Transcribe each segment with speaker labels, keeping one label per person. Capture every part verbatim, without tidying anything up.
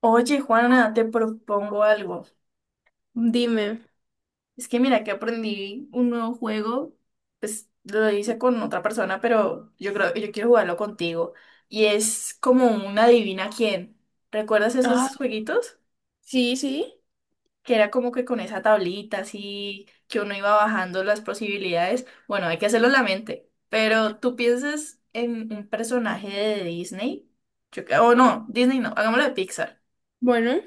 Speaker 1: Oye, Juana, te propongo algo.
Speaker 2: Dime.
Speaker 1: Es que mira que aprendí un nuevo juego, pues lo hice con otra persona, pero yo creo yo quiero jugarlo contigo. Y es como un adivina quién. ¿Recuerdas
Speaker 2: Ah,
Speaker 1: esos jueguitos?
Speaker 2: sí, sí.
Speaker 1: Que era como que con esa tablita así, que uno iba bajando las posibilidades. Bueno, hay que hacerlo en la mente. Pero tú piensas en un personaje de Disney. Yo, cre- o
Speaker 2: Vam-
Speaker 1: no, Disney no, hagámoslo de Pixar.
Speaker 2: Bueno.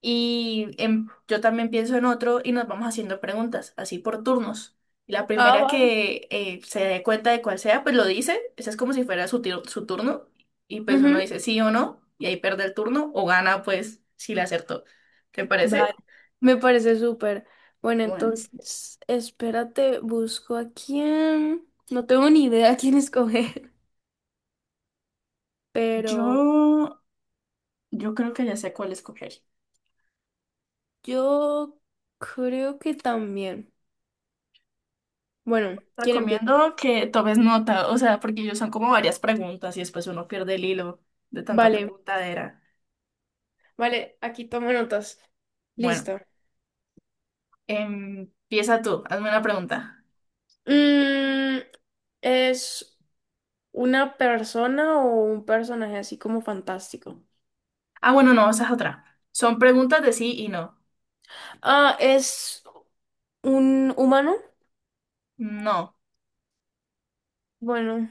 Speaker 1: Y em- yo también pienso en otro y nos vamos haciendo preguntas, así por turnos. La
Speaker 2: Ah,
Speaker 1: primera
Speaker 2: vale.
Speaker 1: que eh, se dé cuenta de cuál sea, pues lo dice. Ese es como si fuera su, tir- su turno. Y pues uno
Speaker 2: Ujú,
Speaker 1: dice sí o no, y ahí pierde el turno o gana, pues si le acertó. ¿Te
Speaker 2: vale.
Speaker 1: parece?
Speaker 2: Me parece súper. Bueno,
Speaker 1: Bueno,
Speaker 2: entonces, espérate, busco a quién. No tengo ni idea a quién escoger, pero
Speaker 1: yo, yo creo que ya sé cuál escoger.
Speaker 2: yo creo que también. Bueno, ¿quién empieza?
Speaker 1: Recomiendo que tomes nota, o sea, porque ellos son como varias preguntas y después uno pierde el hilo de tanta
Speaker 2: Vale,
Speaker 1: preguntadera.
Speaker 2: vale, aquí tomo notas.
Speaker 1: Bueno,
Speaker 2: Listo.
Speaker 1: em, empieza tú, hazme una pregunta.
Speaker 2: Mm, ¿Es una persona o un personaje así como fantástico?
Speaker 1: Ah, bueno, no, esa es otra. Son preguntas de sí y no.
Speaker 2: Ah, es ¿Un humano?
Speaker 1: No.
Speaker 2: Bueno,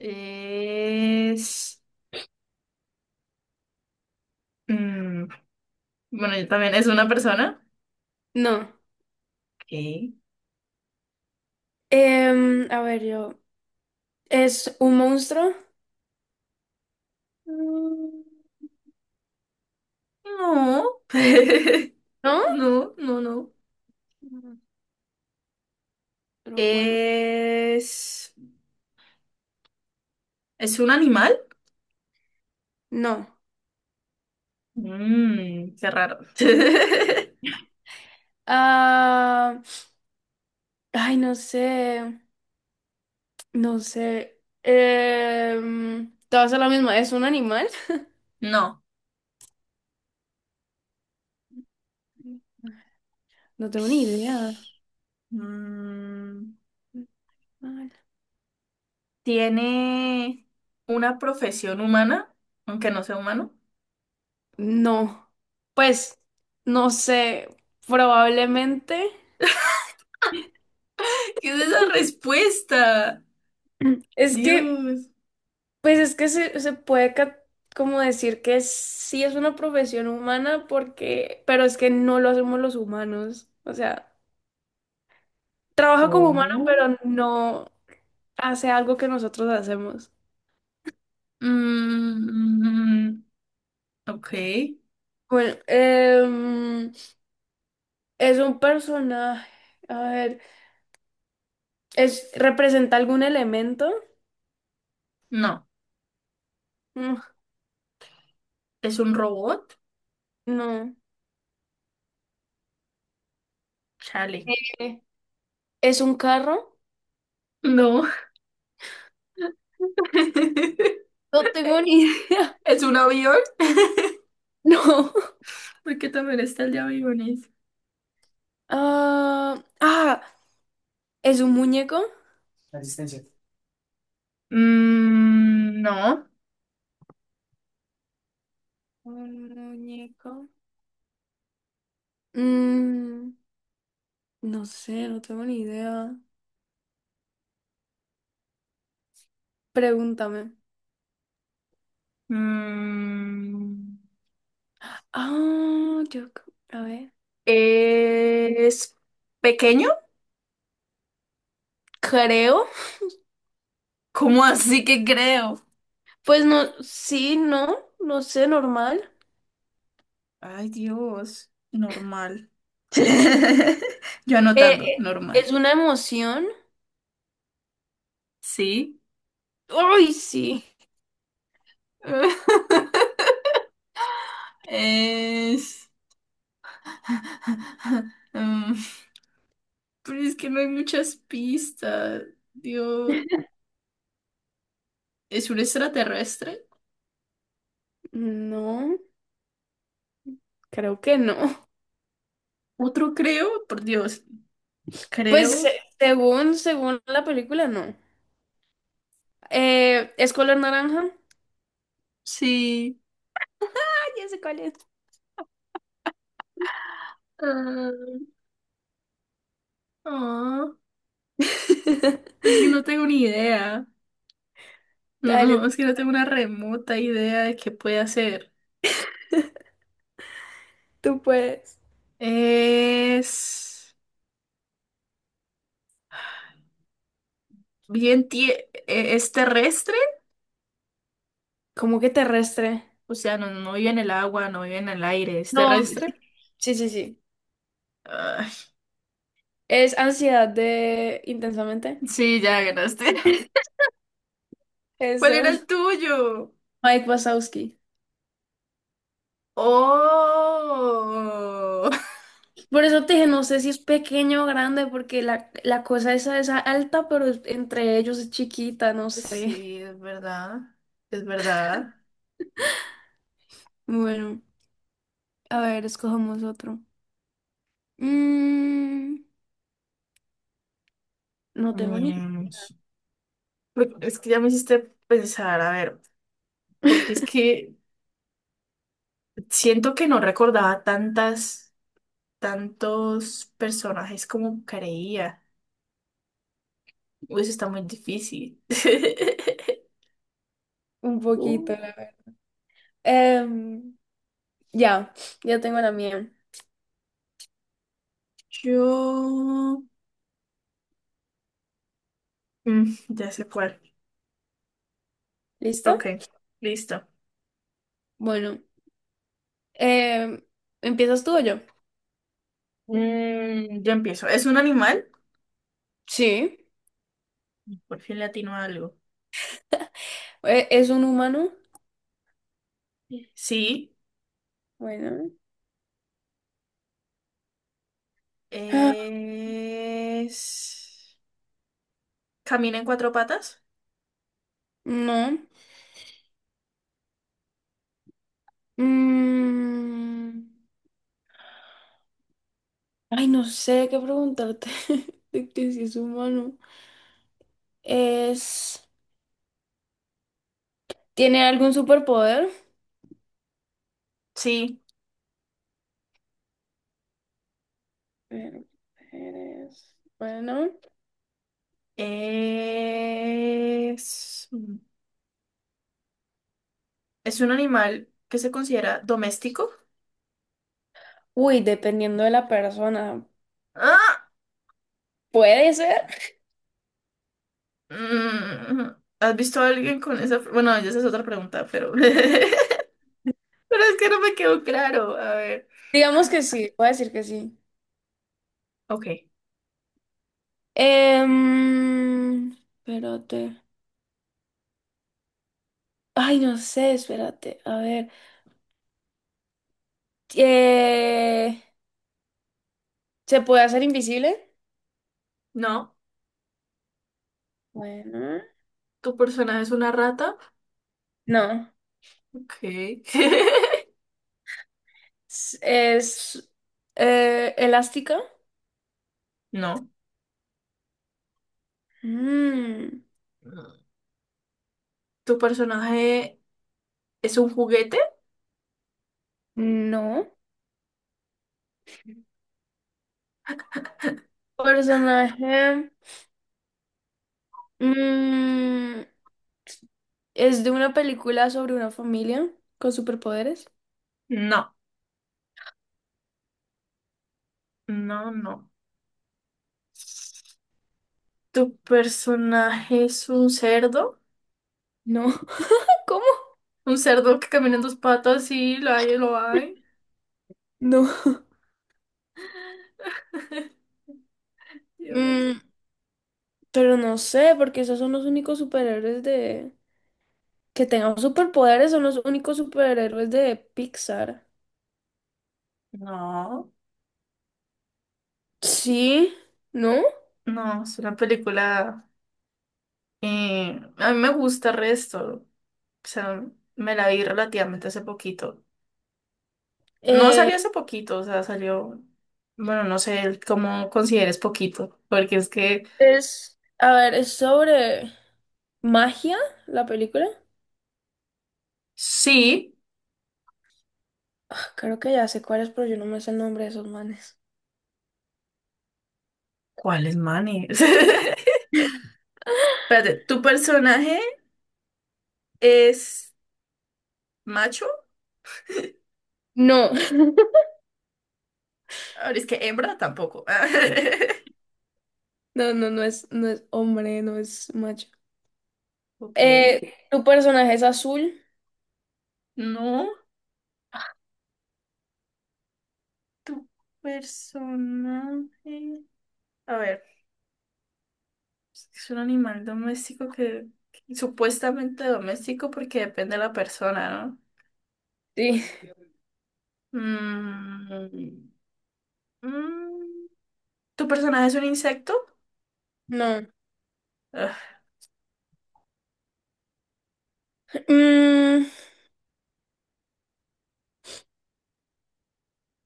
Speaker 1: Es... mm, bueno, yo también. ¿Es una persona?
Speaker 2: no.
Speaker 1: Ok.
Speaker 2: Em, a ver, yo. ¿Es un monstruo?
Speaker 1: Mm, no.
Speaker 2: ¿No?
Speaker 1: No, no, no.
Speaker 2: Monstruo, bueno,
Speaker 1: ¿Es... ¿Es un animal?
Speaker 2: no.
Speaker 1: Mmm, qué raro.
Speaker 2: Ah, ay, no sé. No sé. Em, te vas a la misma. ¿Es un animal?
Speaker 1: No.
Speaker 2: No tengo ni idea.
Speaker 1: Mm,
Speaker 2: Animal.
Speaker 1: ¿tiene una profesión humana? Aunque no sea humano.
Speaker 2: No. Pues, no sé. Probablemente.
Speaker 1: ¿Qué es esa respuesta?
Speaker 2: Es que.
Speaker 1: Dios.
Speaker 2: Pues es que se, se puede ca- como decir que sí es una profesión humana porque, pero es que no lo hacemos los humanos. O sea, trabaja como humano,
Speaker 1: ¿Cómo?
Speaker 2: pero no hace algo que nosotros hacemos.
Speaker 1: Mm, ok.
Speaker 2: Bueno, em, es un personaje. A ver, es, ¿representa algún elemento?
Speaker 1: No.
Speaker 2: Mm,
Speaker 1: ¿Es un robot?
Speaker 2: No.
Speaker 1: Chale.
Speaker 2: ¿Qué? ¿Es un carro?
Speaker 1: No.
Speaker 2: No tengo ni idea.
Speaker 1: ¿Es un avión?
Speaker 2: No.
Speaker 1: Porque también está el de aviones.
Speaker 2: Ah, ah, ¿Es un muñeco?
Speaker 1: Resistencia. Mm, no.
Speaker 2: Un muñeco. Mm, no sé, no tengo ni idea. Pregúntame.
Speaker 1: Mm,
Speaker 2: Ah, yo, c- a ver.
Speaker 1: ¿es pequeño?
Speaker 2: Creo.
Speaker 1: ¿Cómo así que creo?
Speaker 2: Pues no, sí, no, no sé, normal.
Speaker 1: Ay, Dios. Normal. Yo
Speaker 2: Eh,
Speaker 1: anotando,
Speaker 2: eh,
Speaker 1: normal.
Speaker 2: ¿Es una emoción?
Speaker 1: Sí.
Speaker 2: ¡Ay, sí!
Speaker 1: Es... Mm, pero es que no hay muchas pistas. Dios, ¿es un extraterrestre?
Speaker 2: No, creo que no.
Speaker 1: Otro creo, por Dios,
Speaker 2: Pues se-
Speaker 1: creo.
Speaker 2: Según, según la película, no. Eh, ¿es color naranja?
Speaker 1: Sí.
Speaker 2: Ah, ya sé cuál es.
Speaker 1: Ah, ah, es que no tengo ni idea. No,
Speaker 2: Dale,
Speaker 1: no, es que no tengo una remota idea de qué puede hacer.
Speaker 2: tú puedes.
Speaker 1: Es bien tie- eh, es terrestre,
Speaker 2: ¿Cómo que terrestre?
Speaker 1: o sea, no, no vive en el agua, no vive en el aire, es
Speaker 2: No,
Speaker 1: terrestre.
Speaker 2: sí, sí, sí.
Speaker 1: Ay,
Speaker 2: Es ansiedad de intensamente.
Speaker 1: sí, ya ganaste. ¿Cuál era
Speaker 2: Eso.
Speaker 1: el tuyo?
Speaker 2: Mike Wazowski.
Speaker 1: Oh,
Speaker 2: Por eso te dije, no sé si es pequeño o grande, porque la, la cosa esa es alta, pero es- entre ellos es chiquita, no sé.
Speaker 1: sí, es verdad, es verdad.
Speaker 2: Bueno, a ver, escojamos otro. Mm, no tengo ni.
Speaker 1: Mm, pero es que ya me hiciste pensar, a ver, porque es que siento que no recordaba tantas, tantos personajes como creía. Uy, eso está muy difícil.
Speaker 2: Un
Speaker 1: Uh,
Speaker 2: poquito, la verdad. Em, ya, ya tengo la mía.
Speaker 1: yo... mm, ya sé cuál.
Speaker 2: ¿Listo?
Speaker 1: Ok, listo.
Speaker 2: Bueno, em, ¿empiezas tú o yo?
Speaker 1: Mm, ya empiezo. ¿Es un animal?
Speaker 2: Sí.
Speaker 1: Por fin le atino a algo.
Speaker 2: ¿E- ¿Es un humano?
Speaker 1: Sí.
Speaker 2: Bueno. Ah,
Speaker 1: Es... ¿Camina en cuatro patas?
Speaker 2: no. Mm, Ay, no sé qué preguntarte de que si es humano. Es, ¿tiene algún superpoder?
Speaker 1: Sí.
Speaker 2: Superpoderes, bueno.
Speaker 1: Es... mm, ¿Es un animal que se considera doméstico?
Speaker 2: Uy, dependiendo de la persona.
Speaker 1: ¡Ah!
Speaker 2: ¿Puede ser?
Speaker 1: Mm. ¿Has visto a alguien con esa... Bueno, ya esa es otra pregunta, pero... Pero es que no me quedó claro. A ver.
Speaker 2: Digamos que sí, puedo decir que sí.
Speaker 1: Ok.
Speaker 2: Em, espérate. Ay, no sé, espérate. A ver. Eh, ¿Se puede hacer invisible?
Speaker 1: No.
Speaker 2: Bueno.
Speaker 1: ¿Tu personaje es una rata?
Speaker 2: No.
Speaker 1: Ok.
Speaker 2: ¿Es, es, eh, Elástica?
Speaker 1: No.
Speaker 2: Mm,
Speaker 1: ¿Tu personaje es un juguete?
Speaker 2: no. Personaje. mm, es de una película sobre una familia con superpoderes.
Speaker 1: No. No, no. ¿Tu personaje es un cerdo?
Speaker 2: No. ¿Cómo?
Speaker 1: ¿Un cerdo que camina en dos patas sí, lo hay, lo hay?
Speaker 2: No.
Speaker 1: Dios.
Speaker 2: Mm, pero no sé, porque esos son los únicos superhéroes de... Que tengan superpoderes son los únicos superhéroes de Pixar.
Speaker 1: No.
Speaker 2: Sí, ¿no?
Speaker 1: No, es una película... eh, a mí me gusta el resto. O sea, me la vi relativamente hace poquito. No
Speaker 2: Eh,
Speaker 1: salió hace poquito, o sea, salió... Bueno, no sé cómo consideres poquito, porque es que
Speaker 2: es... A ver, es sobre magia la película.
Speaker 1: sí.
Speaker 2: Ah, creo que ya sé cuál es, pero yo no me sé el nombre de esos manes.
Speaker 1: ¿Cuál es Manny? Espérate, ¿tu personaje es macho?
Speaker 2: No.
Speaker 1: Ahora es que hembra tampoco.
Speaker 2: No, no, no es, no es hombre, no es macho.
Speaker 1: Ok.
Speaker 2: Eh, ¿tu personaje es azul?
Speaker 1: No, tu personaje. A ver, es un animal doméstico que, que supuestamente doméstico porque depende de la persona,
Speaker 2: Sí,
Speaker 1: ¿no? Mm, mm, ¿tu personaje es un insecto?
Speaker 2: no.
Speaker 1: Ugh,
Speaker 2: Mm,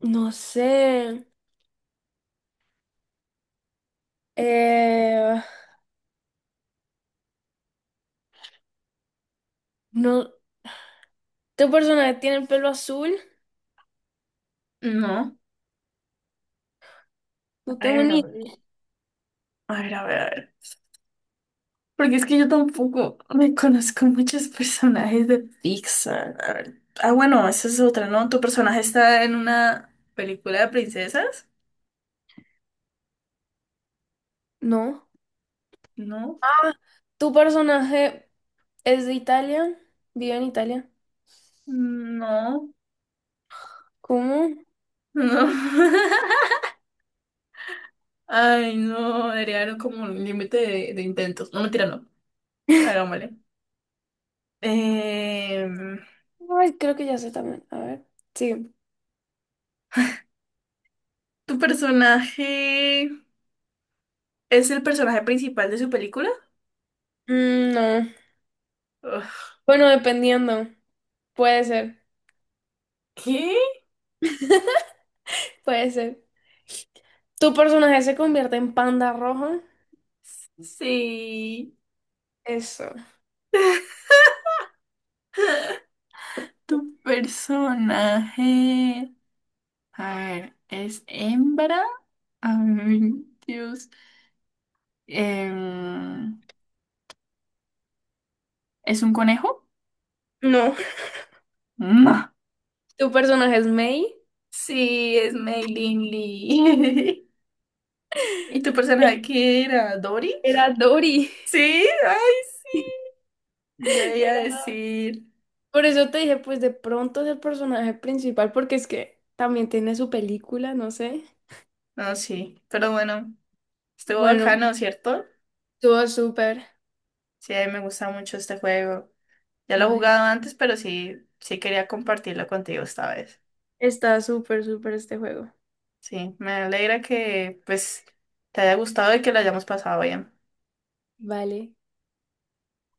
Speaker 2: no sé. Eh, no. ¿Tu personaje tiene el pelo azul?
Speaker 1: no.
Speaker 2: No
Speaker 1: A
Speaker 2: tengo
Speaker 1: ver, a
Speaker 2: ni...
Speaker 1: ver, a ver, a ver. A ver. Porque es que yo tampoco me conozco muchos personajes de Pixar. A ver. Ah, bueno, esa es otra, ¿no? ¿Tu personaje está en una película de princesas?
Speaker 2: No.
Speaker 1: No.
Speaker 2: Ah, ¿tu personaje es de Italia? ¿Vive en Italia?
Speaker 1: No,
Speaker 2: ¿Cómo?
Speaker 1: no. Ay, no, debería haber como un límite de, de intentos. No, mentira, no. Hagámosle. Em,
Speaker 2: Ay, creo que ya sé también. A ver. Sí.
Speaker 1: ¿tu personaje es el personaje principal de su película?
Speaker 2: Mm, no.
Speaker 1: Ugh.
Speaker 2: Bueno, dependiendo. Puede ser.
Speaker 1: ¿Qué?
Speaker 2: Puede ser. ¿Tu personaje se convierte en panda rojo?
Speaker 1: Sí.
Speaker 2: Eso.
Speaker 1: ¿Tu personaje, a ver, es hembra? Ay, Dios. Em, ¿es un conejo?
Speaker 2: No,
Speaker 1: No.
Speaker 2: tu personaje es May,
Speaker 1: Sí, es Mei Lin Lee. ¿Y tu personaje qué era? ¿Dory?
Speaker 2: era Dory.
Speaker 1: Sí, ay, yo ya iba a
Speaker 2: Era...
Speaker 1: decir.
Speaker 2: Por eso te dije, pues de pronto es el personaje principal, porque es que también tiene su película, no sé.
Speaker 1: No, sí, pero bueno, estuvo
Speaker 2: Bueno,
Speaker 1: bacano, ¿cierto?
Speaker 2: estuvo súper.
Speaker 1: Sí, a mí me gusta mucho este juego. Ya lo he
Speaker 2: Vale,
Speaker 1: jugado antes, pero sí, sí quería compartirlo contigo esta vez.
Speaker 2: está súper, súper este juego.
Speaker 1: Sí, me alegra que pues te haya gustado y que lo hayamos pasado bien.
Speaker 2: Vale.